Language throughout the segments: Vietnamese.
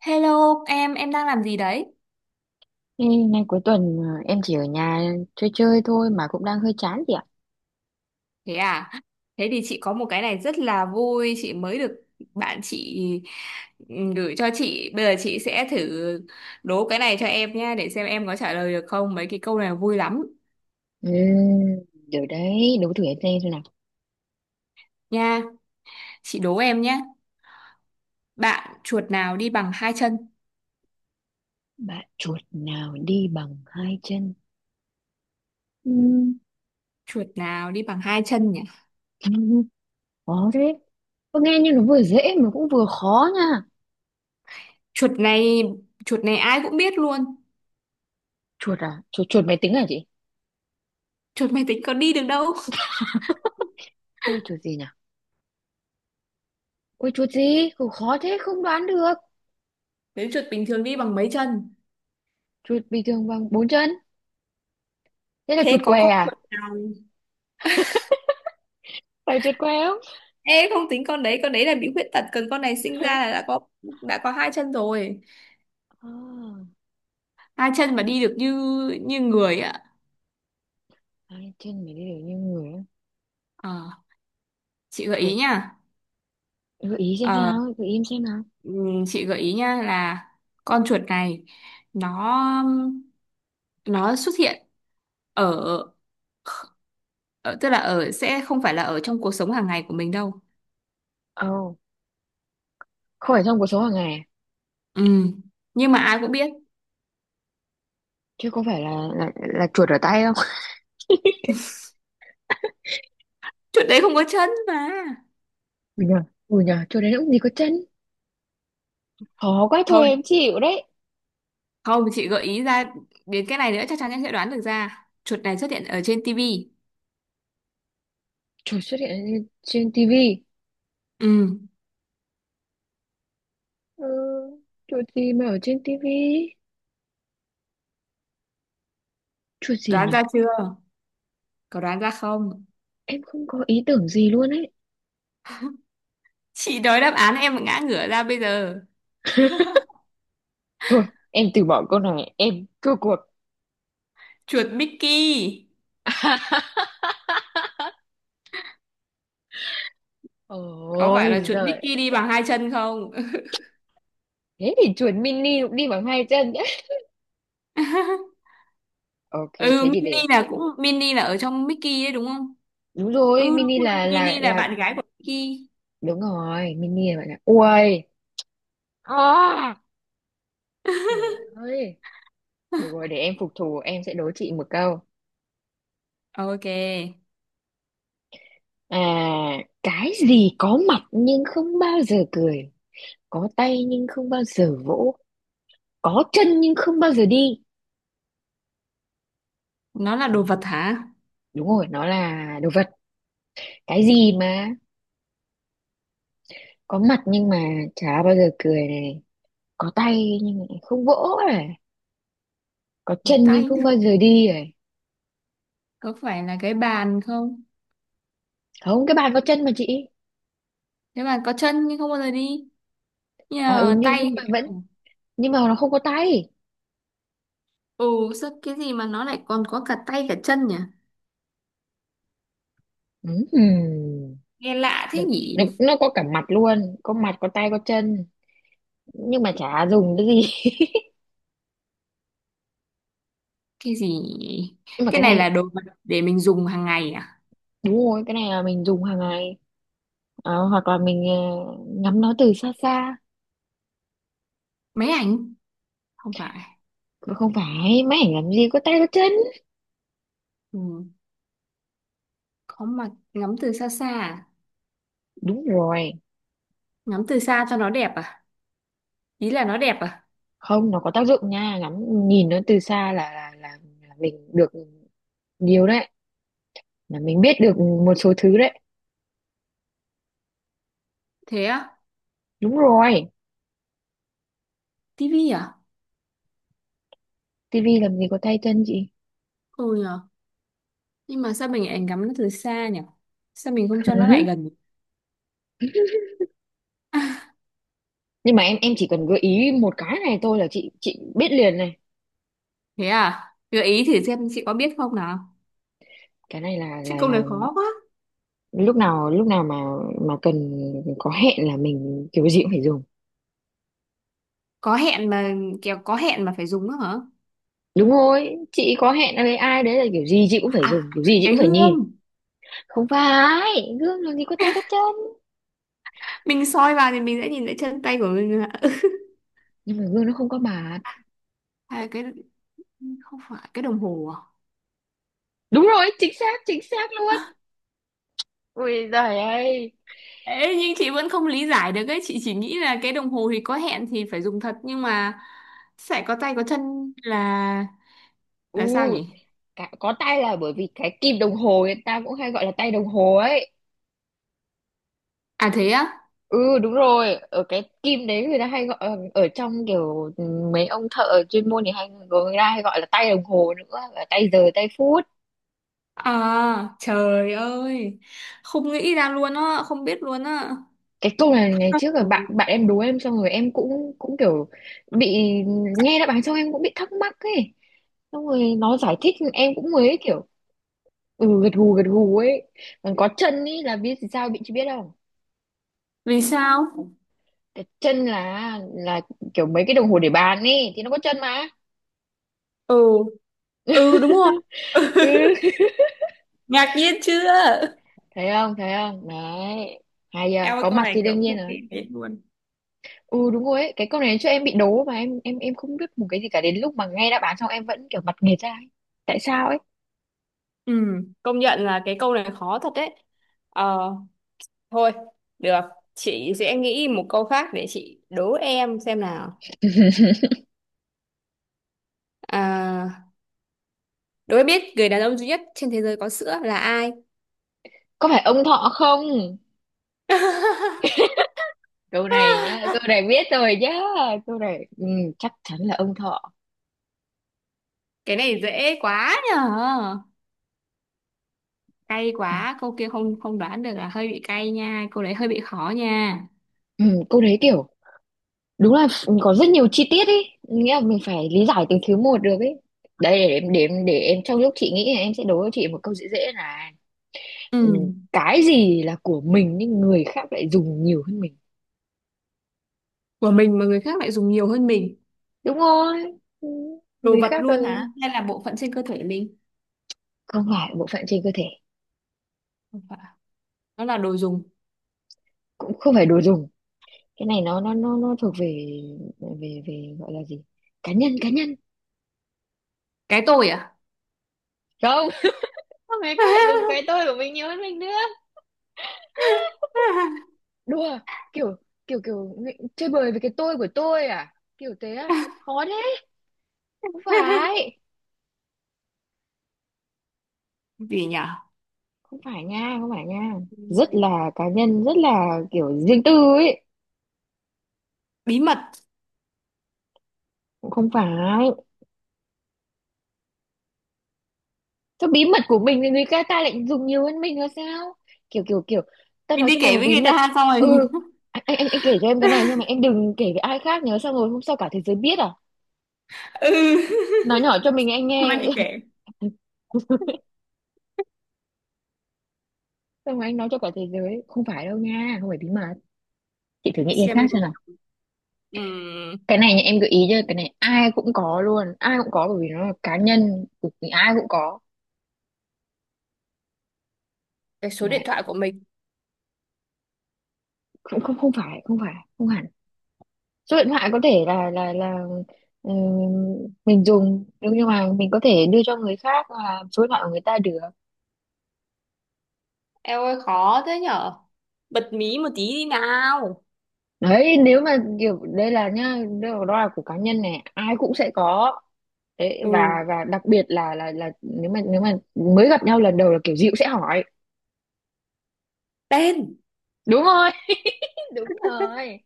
Hello em đang làm gì đấy? Ê, nay cuối tuần em chỉ ở nhà chơi chơi thôi mà cũng đang hơi chán chị ạ. Thế à? Thế thì chị có một cái này rất là vui, chị mới được bạn chị gửi cho chị. Bây giờ chị sẽ thử đố cái này cho em nha, để xem em có trả lời được không. Mấy cái câu này vui lắm Ừ, được đấy, đố thử em xem nào. nha. Chị đố em nhé. Bạn chuột nào đi bằng hai chân? Bạn chuột nào đi bằng hai chân? Ừ, Chuột nào đi bằng hai chân nhỉ? khó thế. Có nghe như nó vừa dễ mà cũng vừa khó nha. Chuột này, chuột này ai cũng biết luôn. Chuột à? Chuột chuột máy tính à chị? Chuột máy tính có đi được đâu. Thế là chuột gì nhỉ? Ôi chuột gì? Cũng khó thế không đoán được. Nếu chuột bình thường đi bằng mấy chân? Chuột bình thường bằng bốn chân. Thế là chuột Thế có què con à? chuột. Phải chuột què không? Ê không tính con đấy là bị khuyết tật, còn con này sinh ra là đã có hai chân rồi. À, Hai chân mà ui, đi được như như người ạ. hai chân mà đi được như người á. Ờ, chị gợi ý Chuột. nha. Gợi ý xem Ờ, nào, gợi ý em xem nào. Chị gợi ý nha là con chuột này nó nó xuất hiện ở, ở tức là ở sẽ không phải là ở trong cuộc sống hàng ngày của mình đâu. Ồ, không phải trong cuộc sống hàng ngày à? Ừ, nhưng mà ai cũng biết Chứ có phải là là chuột ở tay không? chuột đấy không có chân mà. Ừ nhờ, ừ nhờ, chuột đấy nó cũng gì có chân. Khó quá thôi Thôi, em chịu đấy. không chị gợi ý ra đến cái này nữa chắc chắn em sẽ đoán được ra. Chuột này xuất hiện ở trên tivi. Chuột xuất hiện trên trên tivi. Ừ, Ừ, chuột gì mà ở trên tivi? Chuột gì đoán nhỉ? ra chưa? Có đoán ra không? Em không có ý tưởng gì luôn ấy. Chị nói đáp án em mà ngã ngửa ra bây giờ. Thôi, em từ bỏ câu này, em thua cuộc. Chuột Mickey. Có phải Ôi là chuột giời, Mickey đi bằng hai chân không? thế thì chuột mini cũng đi bằng hai chân nhé. Ok, Ừ, thế thì Minnie để. là cũng Minnie là ở trong Mickey đấy đúng không? Đúng Ừ rồi, đúng mini rồi, là là Minnie là là bạn gái của Mickey. đúng rồi, mini là bạn là. Ui. À! Trời ơi, được rồi để em phục thù em sẽ đố chị một câu. Ok, À, cái gì có mặt nhưng không bao giờ cười, có tay nhưng không bao giờ vỗ, có chân nhưng không bao giờ đi. nó là đồ vật hả? Đúng rồi, nó là đồ vật. Cái gì mà có mặt nhưng mà chả bao giờ cười này, có tay nhưng mà không vỗ này, có Đồ chân nhưng tay. không bao giờ đi này. Có phải là cái bàn không? Không, cái bàn có chân mà chị. Cái bàn có chân nhưng không bao giờ đi. À ừ Nhờ nhưng, nhưng tay. mà vẫn nhưng mà nó không có tay. Ừ, sao cái gì mà nó lại còn có cả tay cả chân nhỉ? Ừm. Nghe lạ nó, thế nó nhỉ? nó có cả mặt luôn, có mặt có tay có chân nhưng mà chả dùng cái gì. Cái gì nhỉ? Nhưng mà Cái cái này là này đồ vật để mình dùng hàng ngày à? đúng rồi, cái này là mình dùng hàng ngày. Hoặc là mình ngắm nó từ xa xa. Máy ảnh. Không phải. Mà không phải máy ảnh làm gì có tay có chân. Ừ. Có mặt ngắm từ xa xa à? Đúng rồi, Ngắm từ xa cho nó đẹp à? Ý là nó đẹp à? không, nó có tác dụng nha, ngắm nhìn nó từ xa là mình được nhiều đấy, là mình biết được một số thứ đấy. Thế á? Đúng rồi, Tivi à? tivi làm gì có tay chân chị. Ừ nhờ, nhưng mà sao mình lại ngắm nó từ xa nhỉ? Sao mình không cho nó lại gần? Nhưng mà em chỉ cần gợi ý một cái này thôi là chị biết liền này. Thế à? Gợi ý thử xem chị có biết không nào? Cái này là Chứ là câu là này khó quá. lúc nào mà cần có hẹn là mình kiểu gì cũng phải dùng. Có hẹn mà, kiểu có hẹn mà phải dùng nữa hả? Đúng rồi, chị có hẹn với ai đấy là kiểu gì chị cũng phải À, dùng, kiểu gì chị cái cũng phải nhìn. hương. Không phải gương làm gì có tay có chân. Mình soi vào thì mình sẽ nhìn thấy chân tay của mình. Nhưng mà gương nó không có mặt. À, cái, không phải cái đồng hồ à? Đúng rồi, chính xác luôn. Ui giời ơi. Ê, nhưng chị vẫn không lý giải được ấy, chị chỉ nghĩ là cái đồng hồ thì có hẹn thì phải dùng thật nhưng mà sẽ có tay có chân là sao U. nhỉ? Có tay là bởi vì cái kim đồng hồ người ta cũng hay gọi là tay đồng hồ ấy. À thế á? Ừ đúng rồi, ở cái kim đấy người ta hay gọi ở trong kiểu mấy ông thợ chuyên môn thì hay, người ta hay gọi là tay đồng hồ nữa, là tay giờ tay phút. À trời ơi, không nghĩ ra luôn á, không biết luôn á. Cái câu này ngày trước là bạn bạn em đố em, xong rồi em cũng cũng kiểu bị nghe đáp án xong em cũng bị thắc mắc ấy. Xong rồi nó giải thích em cũng mới kiểu ừ gật gù ấy. Còn có chân ấy là biết sao bị, chị biết không? Vì sao? Cái chân là kiểu mấy cái đồng hồ để bàn ấy thì nó có chân mà. Ừ. Ừ đúng rồi. Ừ. Ngạc nhiên chưa? Thấy không thấy không đấy, hay giờ Em ơi có câu mặt này thì đương kiểu nhiên không rồi. nghĩ đến luôn. Ừ đúng rồi ấy, cái câu này cho em bị đố mà em không biết một cái gì cả, đến lúc mà nghe đáp án xong em vẫn kiểu mặt nghệt ra ấy. Tại sao ấy. Ừ, công nhận là cái câu này khó thật đấy. ờ thôi, được, chị sẽ nghĩ một câu khác để chị đố em xem nào. À, đố em biết người đàn ông duy nhất trên thế giới có sữa là ai? Có phải ông Thọ không? Câu này nhá, câu này biết rồi nhá. Câu này chắc chắn là ông Thọ. Cái này dễ quá nhở. Cay Này, quá, câu kia không không đoán được là hơi bị cay nha, câu đấy hơi bị khó nha. ừ, câu đấy kiểu đúng là có rất nhiều chi tiết ấy, nghĩa là mình phải lý giải từng thứ một được ấy. Đây để em trong lúc chị nghĩ là em sẽ đố cho chị một câu dễ dễ này. Ừ, Ừ, cái gì là của mình nhưng người khác lại dùng nhiều hơn mình. của mình mà người khác lại dùng nhiều hơn mình. Đúng rồi. Ừ, Đồ người vật khác luôn hả? Hay là bộ phận trên cơ thể mình? không phải bộ phận trên cơ thể, Không phải, nó là đồ dùng. cũng không phải đồ dùng. Cái này nó thuộc về về về gọi là gì, cá nhân cá nhân. Cái tôi à? Không. Sao người khác lại dùng cái tôi của mình nhiều hơn mình nữa? Đùa. Kiểu kiểu kiểu chơi bời với cái tôi của tôi à, kiểu thế à, khó đấy. Không phải, Gì nhở? không phải nha, không phải nha. Rất là cá nhân, rất là kiểu riêng tư ấy. Bí mật. Cũng không phải. Thôi bí mật của mình thì người ta ta lại dùng nhiều hơn mình là sao? Kiểu kiểu kiểu ta Mình nói đi cho mày kể một với bí người mật. ta xong Ừ, rồi. anh kể cho em cái này nhưng mà em đừng kể với ai khác nhớ, xong rồi hôm sau cả thế giới biết à? Ừ. Nói nhỏ cho mình anh Hôm nay chị nghe. kể. Xong rồi anh nói cho cả thế giới. Không phải đâu nha, không phải bí mật. Chị thử nghĩ cái Xem khác nhiều. xem nào. Ừm, Cái này nha, em gợi ý cho cái này ai cũng có luôn, ai cũng có bởi vì nó là cá nhân, ai cũng có. cái số Nè, điện thoại của mình. không không không phải, không phải, không hẳn. Số điện thoại có thể là ừ, mình dùng nhưng mà mình có thể đưa cho người khác hoặc là số điện thoại của người ta được. Eo ơi khó thế nhở, bật mí một tí đi nào. Đấy, nếu mà kiểu đây là nhá, đây đó là của cá nhân này ai cũng sẽ có. Đấy và Ừ, và đặc biệt là nếu mà mới gặp nhau lần đầu là kiểu gì cũng sẽ hỏi. tên. Đúng rồi. Đúng rồi,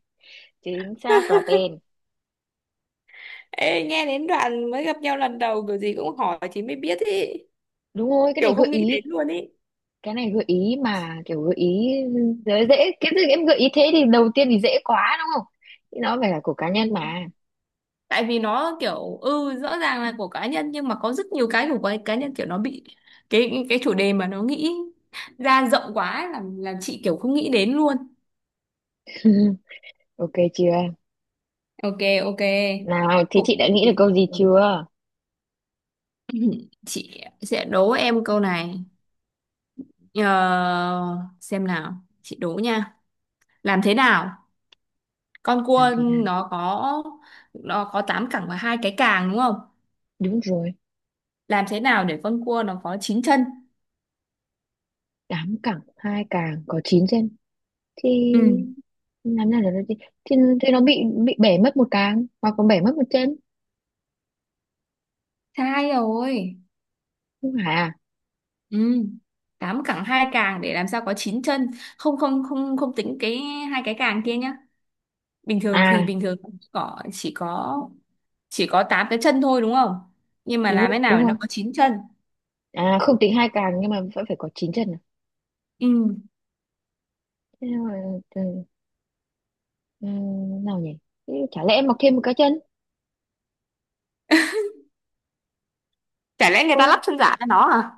chính xác là tên. Ê, nghe đến đoạn mới gặp nhau lần đầu kiểu gì cũng hỏi thì mới biết ý, Đúng rồi, cái này kiểu gợi không nghĩ đến ý, luôn ý. cái này gợi ý mà kiểu gợi ý dễ dễ cái gì, em gợi ý thế thì đầu tiên thì dễ quá đúng không, thì nó phải là của cá Ừ, nhân mà. tại vì nó kiểu ừ rõ ràng là của cá nhân nhưng mà có rất nhiều cái của cái cá nhân kiểu nó bị cái chủ đề mà nó nghĩ ra rộng quá ấy, là chị kiểu không nghĩ đến luôn. Ừ, ok chưa? Ok. Ok. Nào, thế Phục chị đã nghĩ được rồi. Phục. câu gì chưa? Chị sẽ đố em câu này. Ờ, xem nào, chị đố nha. Làm thế nào con Làm cua thế nào? nó có nó có tám cẳng và hai cái càng đúng không, Đúng rồi, làm thế nào để con cua nó có chín chân? 8 cẳng, hai càng có 9 chân thì Ừ, làm nào được, thì, thì nó bị bể mất một càng hoặc còn bể mất một chân, sai rồi. không phải à? Ừ, tám cẳng hai càng để làm sao có chín chân? Không không, không không tính cái hai cái càng kia nhá, bình thường thì À, bình thường có chỉ có tám cái chân thôi đúng không, nhưng mà đúng làm rồi, thế nào đúng để nó rồi. có chín chân? À không tính hai càng nhưng mà vẫn phải có 9 chân à? Ừ. Thế nào, ừ, ừ, nào nhỉ? Thế chả lẽ mọc thêm một cái chân? Chả lẽ người ta Ôi, lắp chân giả cho nó à?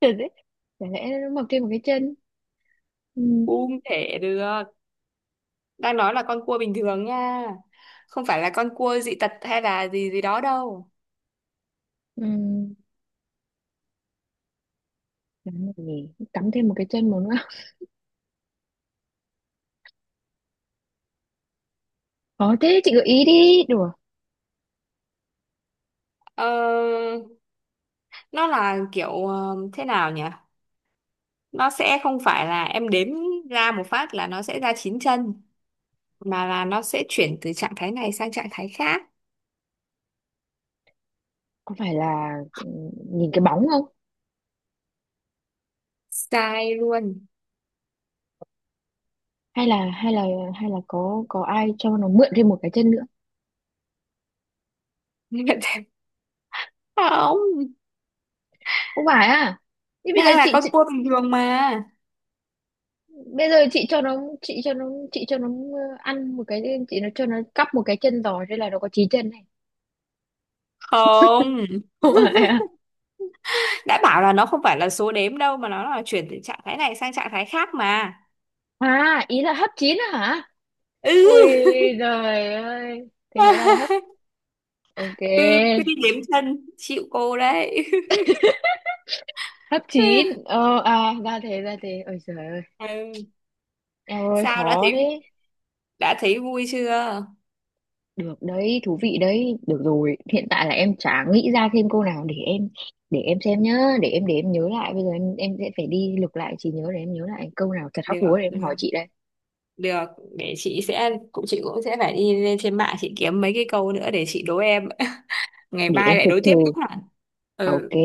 trời đấy. Chả lẽ nó mọc thêm một cái chân? Ừ, Không thể được. Đang nói là con cua bình thường nha. Không phải là con cua dị tật hay là gì gì đó đâu. ừ. Làm gì? Cắm thêm một cái chân một nữa. Có thế chị gợi ý đi, đùa. Ờ, nó là kiểu ờ, thế nào nhỉ? Nó sẽ không phải là em đếm ra một phát là nó sẽ ra chín chân. Mà là nó sẽ chuyển từ trạng thái này sang trạng thái khác. Có phải là nhìn cái bóng không? Sai luôn. Hay là hay là hay là có ai cho nó mượn thêm một cái chân nữa? Không. Không phải à. Thế bây giờ Đang là chị, con chị cua bình thường mà. bây giờ chị cho nó ăn một cái, chị nó cho nó cắp một cái chân giò thế là nó có chín chân này. Không. Không phải à. Đã bảo là nó không phải là số đếm đâu mà nó là chuyển từ trạng thái này sang trạng thái khác mà. À ý là hấp chín à hả. Ui Ừ. giời ơi, thì hóa ra là hấp. Ok. Ừ cứ đi đếm chân chịu cô đấy. Hấp chín, à ra thế, ra thế, ôi trời ơi. Ừ. Em ơi Sao, đã khó thấy, thế. đã thấy vui chưa? Được đấy, thú vị đấy. Được rồi, hiện tại là em chả nghĩ ra thêm câu nào để em xem nhá, để em nhớ lại. Bây giờ em sẽ phải đi lục lại trí nhớ để em nhớ lại câu nào thật hóc Được, búa để em được, hỏi chị đây. được, để chị sẽ cũng chị cũng sẽ phải đi lên trên mạng chị kiếm mấy cái câu nữa để chị đố em. Ngày Để mai em lại đố phục tiếp thù. nhá. Ok. Ừ.